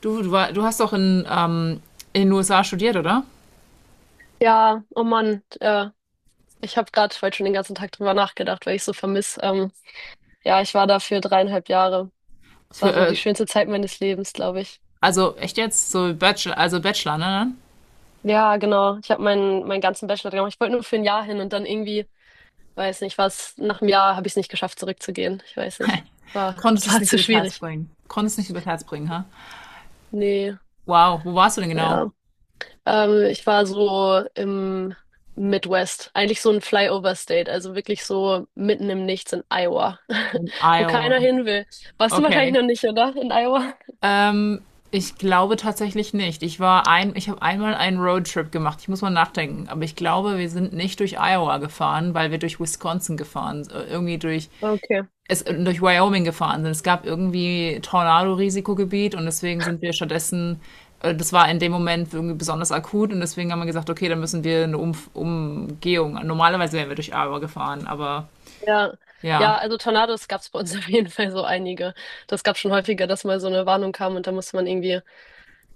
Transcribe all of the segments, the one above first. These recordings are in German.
Du hast doch in den USA studiert, oder? Ja, oh Mann, ich habe gerade heute schon den ganzen Tag drüber nachgedacht, weil ich so vermiss. Ja, ich war da für 3,5 Jahre. Es Für, war so die äh, schönste Zeit meines Lebens, glaube ich. also echt jetzt? So Bachelor, also Bachelor, ne? Ja, genau. Ich habe meinen ganzen Bachelor gemacht. Ich wollte nur für ein Jahr hin und dann irgendwie, weiß nicht, was, nach einem Jahr habe ich es nicht geschafft, zurückzugehen. Ich weiß Dann? nicht. War, Konntest es war nicht zu übers Herz schwierig. bringen. Konntest nicht übers Herz bringen, ha? Nee, Wow, wo warst du denn genau? ja. Ich war so im Midwest, eigentlich so ein Flyover State, also wirklich so mitten im Nichts in Iowa, In wo keiner Iowa. hin will. Warst du wahrscheinlich Okay. noch nicht, oder? In Iowa? Ähm, Ich glaube tatsächlich nicht. Ich habe einmal einen Roadtrip gemacht. Ich muss mal nachdenken. Aber ich glaube, wir sind nicht durch Iowa gefahren, weil wir durch Wisconsin gefahren sind. Irgendwie durch Okay. es, durch Wyoming gefahren sind. Es gab irgendwie Tornado-Risikogebiet und deswegen sind wir stattdessen. Das war in dem Moment irgendwie besonders akut und deswegen haben wir gesagt, okay, dann müssen wir eine Umf Umgehung. Normalerweise wären wir durch Iowa gefahren, aber Ja. ja, Ja, also Tornados gab es bei uns auf jeden Fall so einige. Das gab schon häufiger, dass mal so eine Warnung kam und da musste man irgendwie,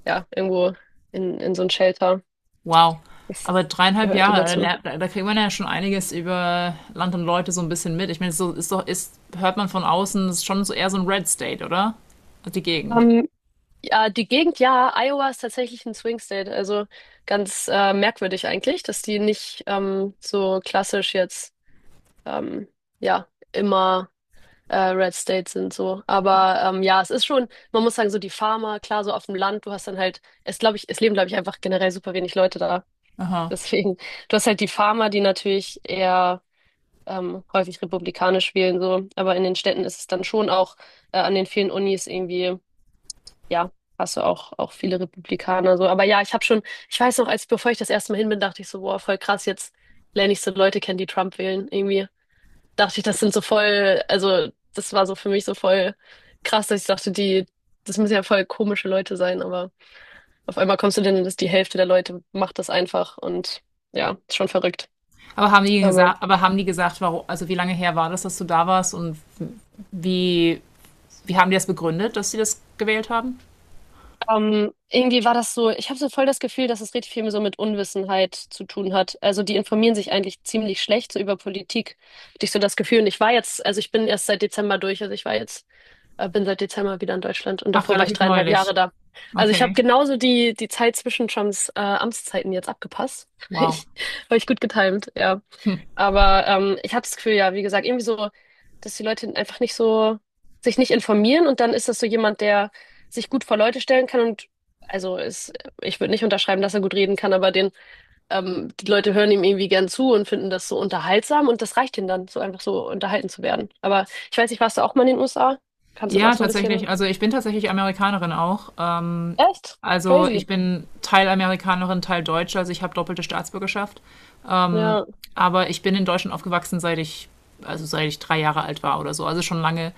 ja, irgendwo in so ein Shelter. wow. Das Aber dreieinhalb gehörte Jahre, da, dazu. lernt- da da kriegt man ja schon einiges über Land und Leute so ein bisschen mit. Ich meine, so hört man von außen, das ist schon so eher so ein Red State, oder? Die Gegend. Ähm, Ja, die Gegend, ja, Iowa ist tatsächlich ein Swing State. Also ganz merkwürdig eigentlich, dass die nicht so klassisch jetzt, ähm, ja, immer Red State sind so. Aber ja, es ist schon, man muss sagen, so die Farmer, klar, so auf dem Land, du hast dann halt, es glaube ich, es leben, glaube ich, einfach generell super wenig Leute da. Aha. Deswegen, du hast halt die Farmer, die natürlich eher häufig republikanisch wählen, so. Aber in den Städten ist es dann schon auch an den vielen Unis irgendwie ja, hast du auch, auch viele Republikaner so. Aber ja, ich habe schon, ich weiß noch, als bevor ich das erste Mal hin bin, dachte ich so, boah, voll krass, jetzt lerne ich so Leute kennen, die Trump wählen. Irgendwie dachte ich, das sind so voll, also das war so für mich so voll krass, dass ich dachte, die, das müssen ja voll komische Leute sein, aber auf einmal kommst du denn, dass die Hälfte der Leute macht das einfach und ja, ist schon verrückt. Aber haben die Aber gesagt, aber haben die gesagt, warum, also wie lange her war das, dass du da warst und wie, wie haben die das begründet, dass sie das gewählt haben? Irgendwie war das so, ich habe so voll das Gefühl, dass es richtig viel so mit Unwissenheit zu tun hat. Also die informieren sich eigentlich ziemlich schlecht so über Politik, hatte ich so das Gefühl. Und ich war jetzt, also ich bin erst seit Dezember durch, also ich war jetzt, bin seit Dezember wieder in Deutschland und Ach, davor war ich relativ dreieinhalb neulich. Jahre da. Also ich habe Okay. genauso die, die Zeit zwischen Trumps Amtszeiten jetzt abgepasst. Wow. Ich, habe ich gut getimt, ja. Hm. Aber ich hatte das Gefühl, ja, wie gesagt, irgendwie so, dass die Leute einfach nicht so sich nicht informieren und dann ist das so jemand, der sich gut vor Leute stellen kann und also ist, ich würde nicht unterschreiben, dass er gut reden kann, aber den, die Leute hören ihm irgendwie gern zu und finden das so unterhaltsam und das reicht ihnen dann, so einfach so unterhalten zu werden. Aber ich weiß nicht, warst du auch mal in den USA? Kannst du das auch Ja, so ein tatsächlich. bisschen? Also ich bin tatsächlich Amerikanerin auch. Echt? Also ich Crazy. bin Teil Amerikanerin, Teil Deutsche, also ich habe doppelte Staatsbürgerschaft. Ja. Ähm, aber ich bin in Deutschland aufgewachsen, also seit ich 3 Jahre alt war oder so. Also schon lange.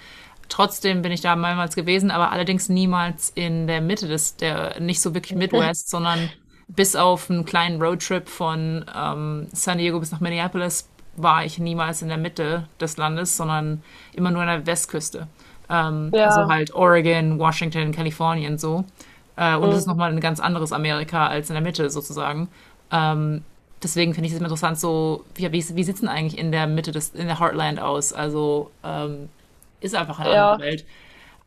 Trotzdem bin ich da mehrmals gewesen, aber allerdings niemals in der Mitte nicht so wirklich Midwest, sondern bis auf einen kleinen Roadtrip von San Diego bis nach Minneapolis war ich niemals in der Mitte des Landes, sondern immer nur an der Westküste. Also Ja. halt Oregon, Washington, Kalifornien so. Und es ist Mm, nochmal ein ganz anderes Amerika als in der Mitte sozusagen, deswegen finde ich es interessant, so, wie sieht es denn eigentlich in der Mitte in der Heartland aus? Also ist einfach eine andere ja. Welt.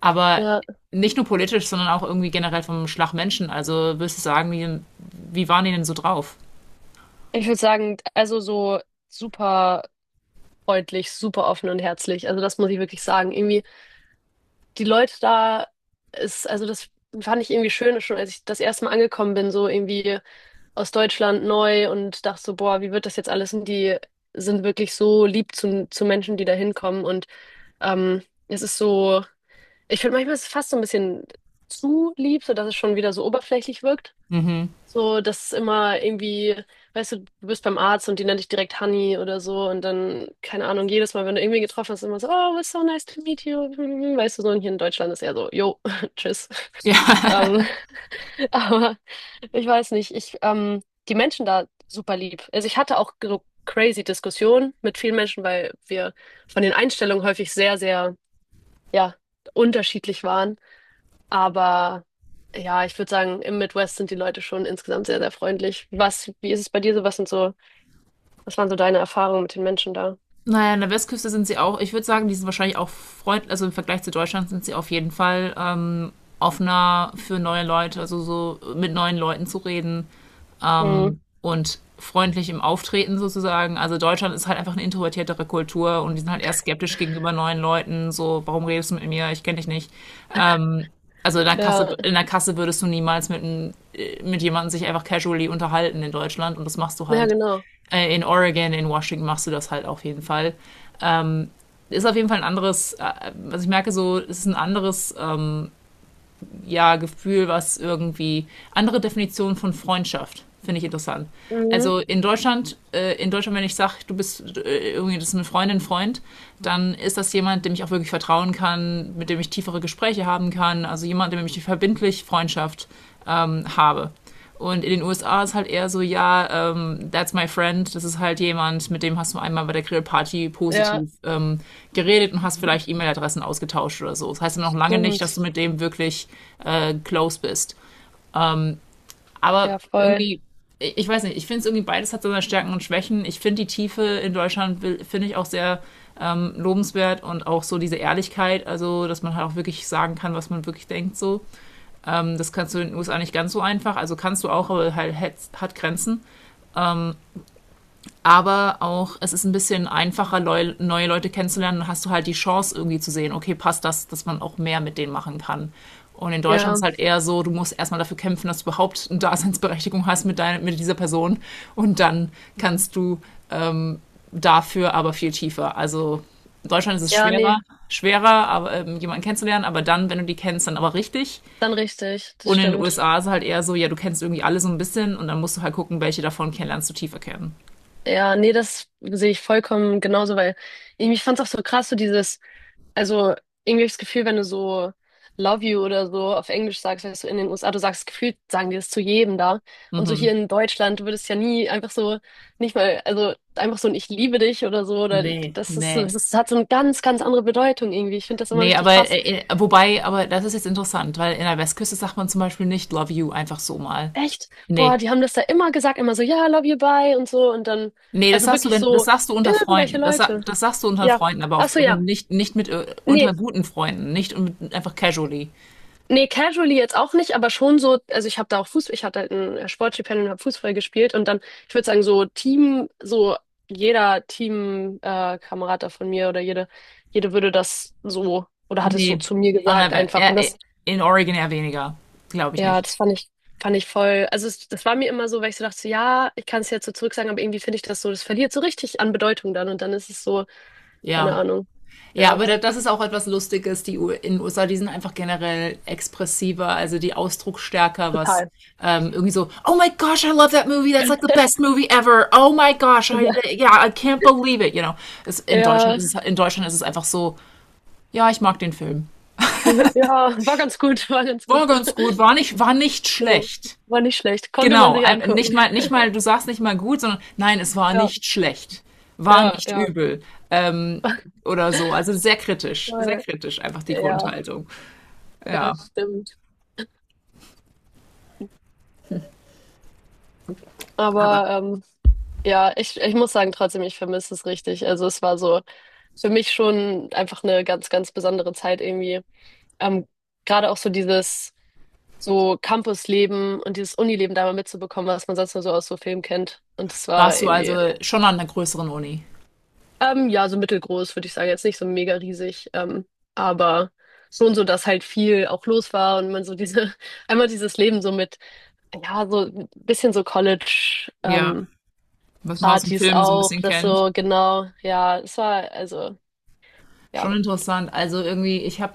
Aber Ja. nicht nur politisch, sondern auch irgendwie generell vom Schlag Menschen. Also würdest du sagen, wie waren die denn so drauf? Ich würde sagen, also so super, freundlich, super offen und herzlich. Also das muss ich wirklich sagen. Irgendwie die Leute da ist, also das fand ich irgendwie schön, schon als ich das erste Mal angekommen bin, so irgendwie aus Deutschland neu und dachte so, boah, wie wird das jetzt alles? Und die sind wirklich so lieb zu Menschen, die da hinkommen. Und ähm, es ist so, ich finde manchmal ist es fast so ein bisschen zu lieb, sodass es schon wieder so oberflächlich wirkt. Mhm. So, das ist immer irgendwie, weißt du, du bist beim Arzt und die nennt dich direkt Honey oder so und dann, keine Ahnung, jedes Mal, wenn du irgendwie getroffen hast, immer so, oh, it's so nice to meet you. Weißt du, so und hier in Deutschland ist eher so, yo, tschüss. Ja. Ähm, aber ich weiß nicht, ich, die Menschen da super lieb. Also ich hatte auch so crazy Diskussionen mit vielen Menschen, weil wir von den Einstellungen häufig sehr, sehr, ja, unterschiedlich waren. Aber ja, ich würde sagen, im Midwest sind die Leute schon insgesamt sehr, sehr freundlich. Was, wie ist es bei dir so? Was sind so, was waren so deine Erfahrungen mit den Menschen da? Naja, an der Westküste sind sie auch, ich würde sagen, die sind wahrscheinlich auch freundlich, also im Vergleich zu Deutschland sind sie auf jeden Fall offener für neue Leute, also so mit neuen Leuten zu reden. Mhm. Und freundlich im Auftreten sozusagen. Also Deutschland ist halt einfach eine introvertiertere Kultur und die sind halt eher skeptisch gegenüber neuen Leuten. So, warum redest du mit mir? Ich kenne dich nicht. Ähm, Also in der Kasse, Ja, in der Kasse würdest du niemals mit jemandem sich einfach casually unterhalten in Deutschland und das machst du ja, halt. genau. In Oregon, in Washington machst du das halt auf jeden Fall. Ist auf jeden Fall ein anderes, was ich merke, so, es ist ein anderes ja, Gefühl, was irgendwie andere Definitionen von Freundschaft finde ich interessant. Mhm. Also in Deutschland, wenn ich sage, du bist irgendwie das ist eine Freundin, Freund, dann ist das jemand, dem ich auch wirklich vertrauen kann, mit dem ich tiefere Gespräche haben kann, also jemand, mit dem ich verbindlich Freundschaft habe. Und in den USA ist halt eher so, ja, that's my friend. Das ist halt jemand, mit dem hast du einmal bei der Grillparty Ja, positiv geredet und hast vielleicht E-Mail-Adressen ausgetauscht oder so. Das heißt ja noch lange nicht, dass stimmt. du mit dem wirklich close bist. Aber Ja, voll. irgendwie, ich weiß nicht, ich finde es irgendwie beides hat so seine Stärken und Schwächen. Ich finde die Tiefe in Deutschland finde ich auch sehr lobenswert und auch so diese Ehrlichkeit, also dass man halt auch wirklich sagen kann, was man wirklich denkt so. Das kannst du in den USA nicht ganz so einfach, also kannst du auch, aber halt hat Grenzen. Aber auch es ist ein bisschen einfacher, Leu neue Leute kennenzulernen. Dann hast du halt die Chance irgendwie zu sehen, okay, passt das, dass man auch mehr mit denen machen kann. Und in Deutschland ist Ja, halt eher so, du musst erstmal dafür kämpfen, dass du überhaupt eine Daseinsberechtigung hast mit dieser Person. Und dann kannst du ähm, dafür aber viel tiefer. Also in Deutschland ist es ja, nee, schwerer, schwerer, aber, jemanden kennenzulernen, aber dann, wenn du die kennst, dann aber richtig. dann richtig. Das Und in den stimmt. USA ist es halt eher so, ja, du kennst irgendwie alle so ein bisschen und dann musst du halt gucken, welche davon kennenlernst du tiefer kennen. Ja, nee, das sehe ich vollkommen genauso, weil ich fand es auch so krass, so dieses. Also irgendwie habe ich das Gefühl, wenn du so Love you oder so auf Englisch sagst, weißt du, in den USA, du sagst gefühlt, sagen die das zu jedem da. Und so hier Mhm. in Deutschland, du würdest ja nie einfach so, nicht mal, also einfach so ein Ich liebe dich oder so, oder Nee, das ist, so- das nee. ist, hat so eine ganz, ganz andere Bedeutung irgendwie. Ich finde das immer Nee, richtig aber krass. Wobei, aber das ist jetzt interessant, weil in der Westküste sagt man zum Beispiel nicht Love you einfach so mal. Echt? Nee. Boah, die haben das da immer gesagt, immer so, ja, love you, bye und so. Und dann, Nee, das also sagst du, wirklich wenn, das so, sagst du unter irgendwelche Freunden. Das, sa- Leute. das sagst du unter Ja. Freunden, aber Ach auf, so, ja. wenn nicht, nicht mit, Nee. unter guten Freunden, nicht mit, einfach casually. Nee, casually jetzt auch nicht, aber schon so, also ich habe da auch Fußball, ich hatte halt ein Sportstipendium und habe Fußball gespielt und dann, ich würde sagen, so Team, so jeder Team, Kamerad da von mir oder jede, jede würde das so oder hat es so Nee. zu mir An der, gesagt We- einfach. ja, Und das, in Oregon eher weniger. Glaube ich ja, nicht. das fand ich voll, also es, das war mir immer so, weil ich so dachte, so, ja, ich kann es jetzt so zurück sagen, aber irgendwie finde ich das so, das verliert so richtig an Bedeutung dann und dann ist es so, keine Ja. Ahnung, Ja, ja, aber das ist auch etwas Lustiges. Die U in den USA, die sind einfach generell expressiver, also die ausdrucksstärker, was total. Irgendwie so, oh my gosh, I love that movie, that's like the best movie ever. Oh my gosh, I, yeah, I can't believe it, you know. In Deutschland Ja, ist es, in Deutschland ist es einfach so, ja, ich mag den Film. ja, war ganz gut, war ganz War gut. ganz gut, war nicht So, schlecht. war nicht schlecht. Konnte man Genau, sich nicht angucken. mal, nicht mal, du sagst nicht mal gut, sondern nein, es war Ja, nicht schlecht, war ja, nicht ja. übel, ähm, oder so. Also sehr Voll. kritisch einfach die Ja, Grundhaltung. ja, Ja. stimmt. Aber Aber ja, ich muss sagen, trotzdem, ich vermisse es richtig. Also es war so für mich schon einfach eine ganz, ganz besondere Zeit irgendwie. Ähm, gerade auch so dieses so Campusleben und dieses Unileben da mal mitzubekommen, was man sonst nur so aus so Filmen kennt. Und es war warst du irgendwie also schon an einer größeren Uni? Ja, so mittelgroß, würde ich sagen. Jetzt nicht so mega riesig, aber schon so, dass halt viel auch los war und man so diese, einmal dieses Leben so mit, ja, so ein bisschen so College, Ja, was man aus dem Partys Film so ein auch, bisschen das kennt. so, genau, ja, es war, also, ja, Schon interessant. Also irgendwie, ich habe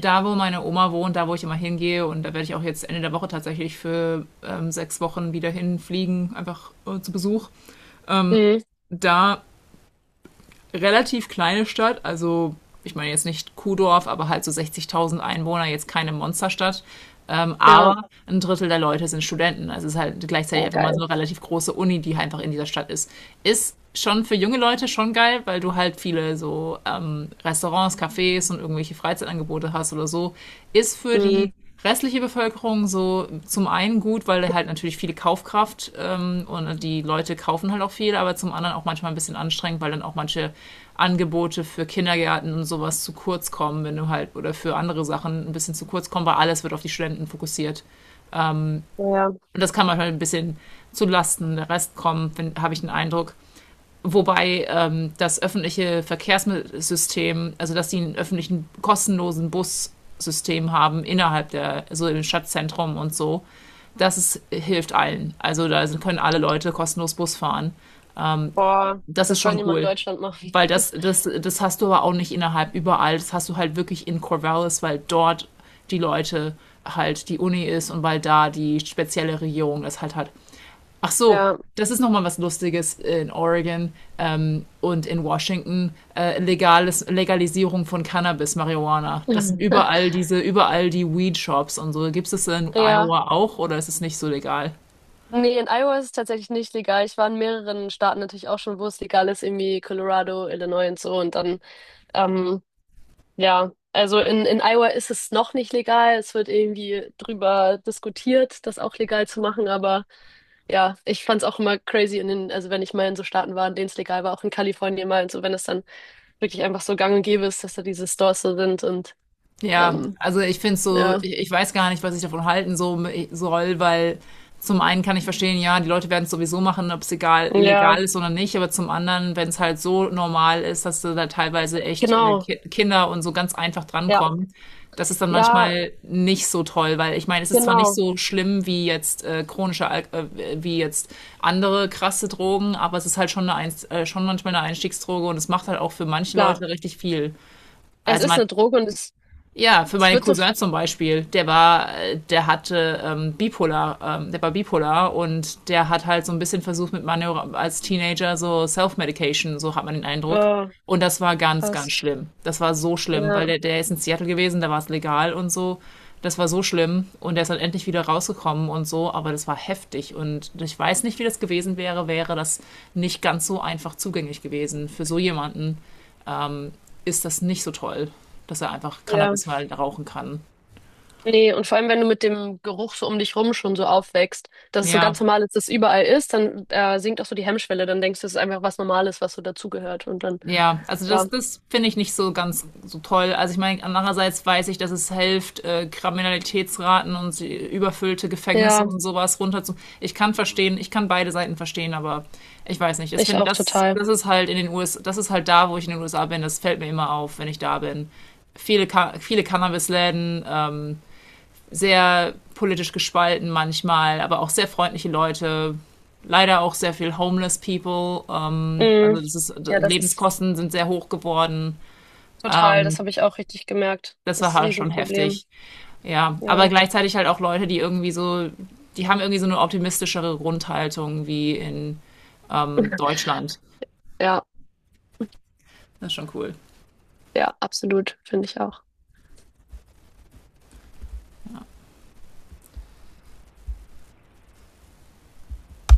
da, wo meine Oma wohnt, da, wo ich immer hingehe, und da werde ich auch jetzt Ende der Woche tatsächlich für 6 Wochen wieder hinfliegen, einfach zu Besuch. Ähm, mhm, Da relativ kleine Stadt, also ich meine jetzt nicht Kuhdorf, aber halt so 60.000 Einwohner, jetzt keine Monsterstadt. Ja, Aber ein Drittel der Leute sind Studenten. Also es ist halt gleichzeitig war einfach mal so geil, eine relativ große Uni, die halt einfach in dieser Stadt ist. Ist schon für junge Leute schon geil, weil du halt viele so Restaurants, Cafés und irgendwelche Freizeitangebote hast oder so. Ist für mhm, die restliche Bevölkerung so zum einen gut, weil halt natürlich viele Kaufkraft und die Leute kaufen halt auch viel, aber zum anderen auch manchmal ein bisschen anstrengend, weil dann auch manche Angebote für Kindergärten und sowas zu kurz kommen, wenn du halt oder für andere Sachen ein bisschen zu kurz kommen, weil alles wird auf die Studenten fokussiert. ja, Und das kann manchmal ein bisschen zu Lasten der Rest kommen, habe ich den Eindruck. Wobei das öffentliche Verkehrssystem, also dass die einen öffentlichen kostenlosen Bus System haben innerhalb der, so im Stadtzentrum und so, das ist, hilft allen. Also da können alle Leute kostenlos Bus fahren. boah, Das ist das soll schon niemand in cool. Deutschland machen, Weil das hast du aber auch nicht innerhalb überall. Das hast du halt wirklich in Corvallis, weil dort die Leute halt die Uni ist und weil da die spezielle Regierung das halt hat. Ach so, ja, das ist nochmal was Lustiges in Oregon und in Washington. Legalisierung von Cannabis, Marihuana. Das sind überall diese, überall die Weed-Shops und so. Gibt es das in ja. Iowa auch oder ist es nicht so legal? Nee, in Iowa ist es tatsächlich nicht legal. Ich war in mehreren Staaten natürlich auch schon, wo es legal ist, irgendwie Colorado, Illinois und so. Und dann Ähm, ja, also in Iowa ist es noch nicht legal. Es wird irgendwie drüber diskutiert, das auch legal zu machen. Aber ja, ich fand's auch immer crazy in den, also wenn ich mal in so Staaten war, in denen es legal war, auch in Kalifornien mal und so, wenn es dann wirklich einfach so gang und gäbe ist, dass da diese Stores so sind und Ja, ähm, also ich finde so, ja. ich weiß gar nicht, was ich davon halten so, soll, weil zum einen kann ich verstehen, ja, die Leute werden es sowieso machen, ob es egal, Ja, legal ist oder nicht, aber zum anderen, wenn es halt so normal ist, dass da teilweise echt genau. Kinder und so ganz einfach Ja, drankommen, das ist dann ja, manchmal nicht so toll, weil ich meine, es ist zwar nicht genau. so schlimm wie jetzt chronische, Al wie jetzt andere krasse Drogen, aber es ist halt schon eine Einst schon manchmal eine Einstiegsdroge und es macht halt auch für manche Klar. Leute richtig viel. Es Also ist man eine Droge und es, ja, für es meinen wird so, Cousin zum Beispiel, der war, der hatte bipolar, der war bipolar und der hat halt so ein bisschen versucht mit Manöver als Teenager so Self-Medication, so hat man den Eindruck. äh, Und das war ganz, krass. ganz schlimm. Das war so schlimm, Ja, weil der ist in Seattle gewesen, da war es legal und so. Das war so schlimm und der ist dann endlich wieder rausgekommen und so, aber das war heftig und ich weiß nicht, wie das gewesen wäre, wäre das nicht ganz so einfach zugänglich gewesen für so jemanden ähm, ist das nicht so toll, dass er einfach ja. Cannabis mal rauchen kann. Nee, und vor allem, wenn du mit dem Geruch so um dich rum schon so aufwächst, dass es so Ja, ganz normal ist, dass es überall ist, dann sinkt auch so die Hemmschwelle. Dann denkst du, es ist einfach was Normales, was so dazugehört. Und dann, ja, also ja, das finde ich nicht so ganz so toll. Also ich meine, andererseits weiß ich, dass es hilft, Kriminalitätsraten und die überfüllte Gefängnisse ja, und sowas runterzu. Ich kann verstehen, ich kann beide Seiten verstehen, aber ich weiß nicht. Ich ich finde, auch das, total. das ist halt in den USA, das ist halt da, wo ich in den USA bin. Das fällt mir immer auf, wenn ich da bin. Viele Cannabisläden, sehr politisch gespalten manchmal, aber auch sehr freundliche Leute. Leider auch sehr viel homeless people. Mm, Also das ist, ja, das ist Lebenskosten sind sehr hoch geworden. total, das Ähm, habe ich auch richtig gemerkt. Das Das war ist ein halt schon Riesenproblem. heftig. Ja, Ja, aber gleichzeitig halt auch Leute, die irgendwie so, die haben irgendwie so eine optimistischere Grundhaltung wie in Deutschland. ja, Das ist schon cool. ja, absolut, finde ich auch.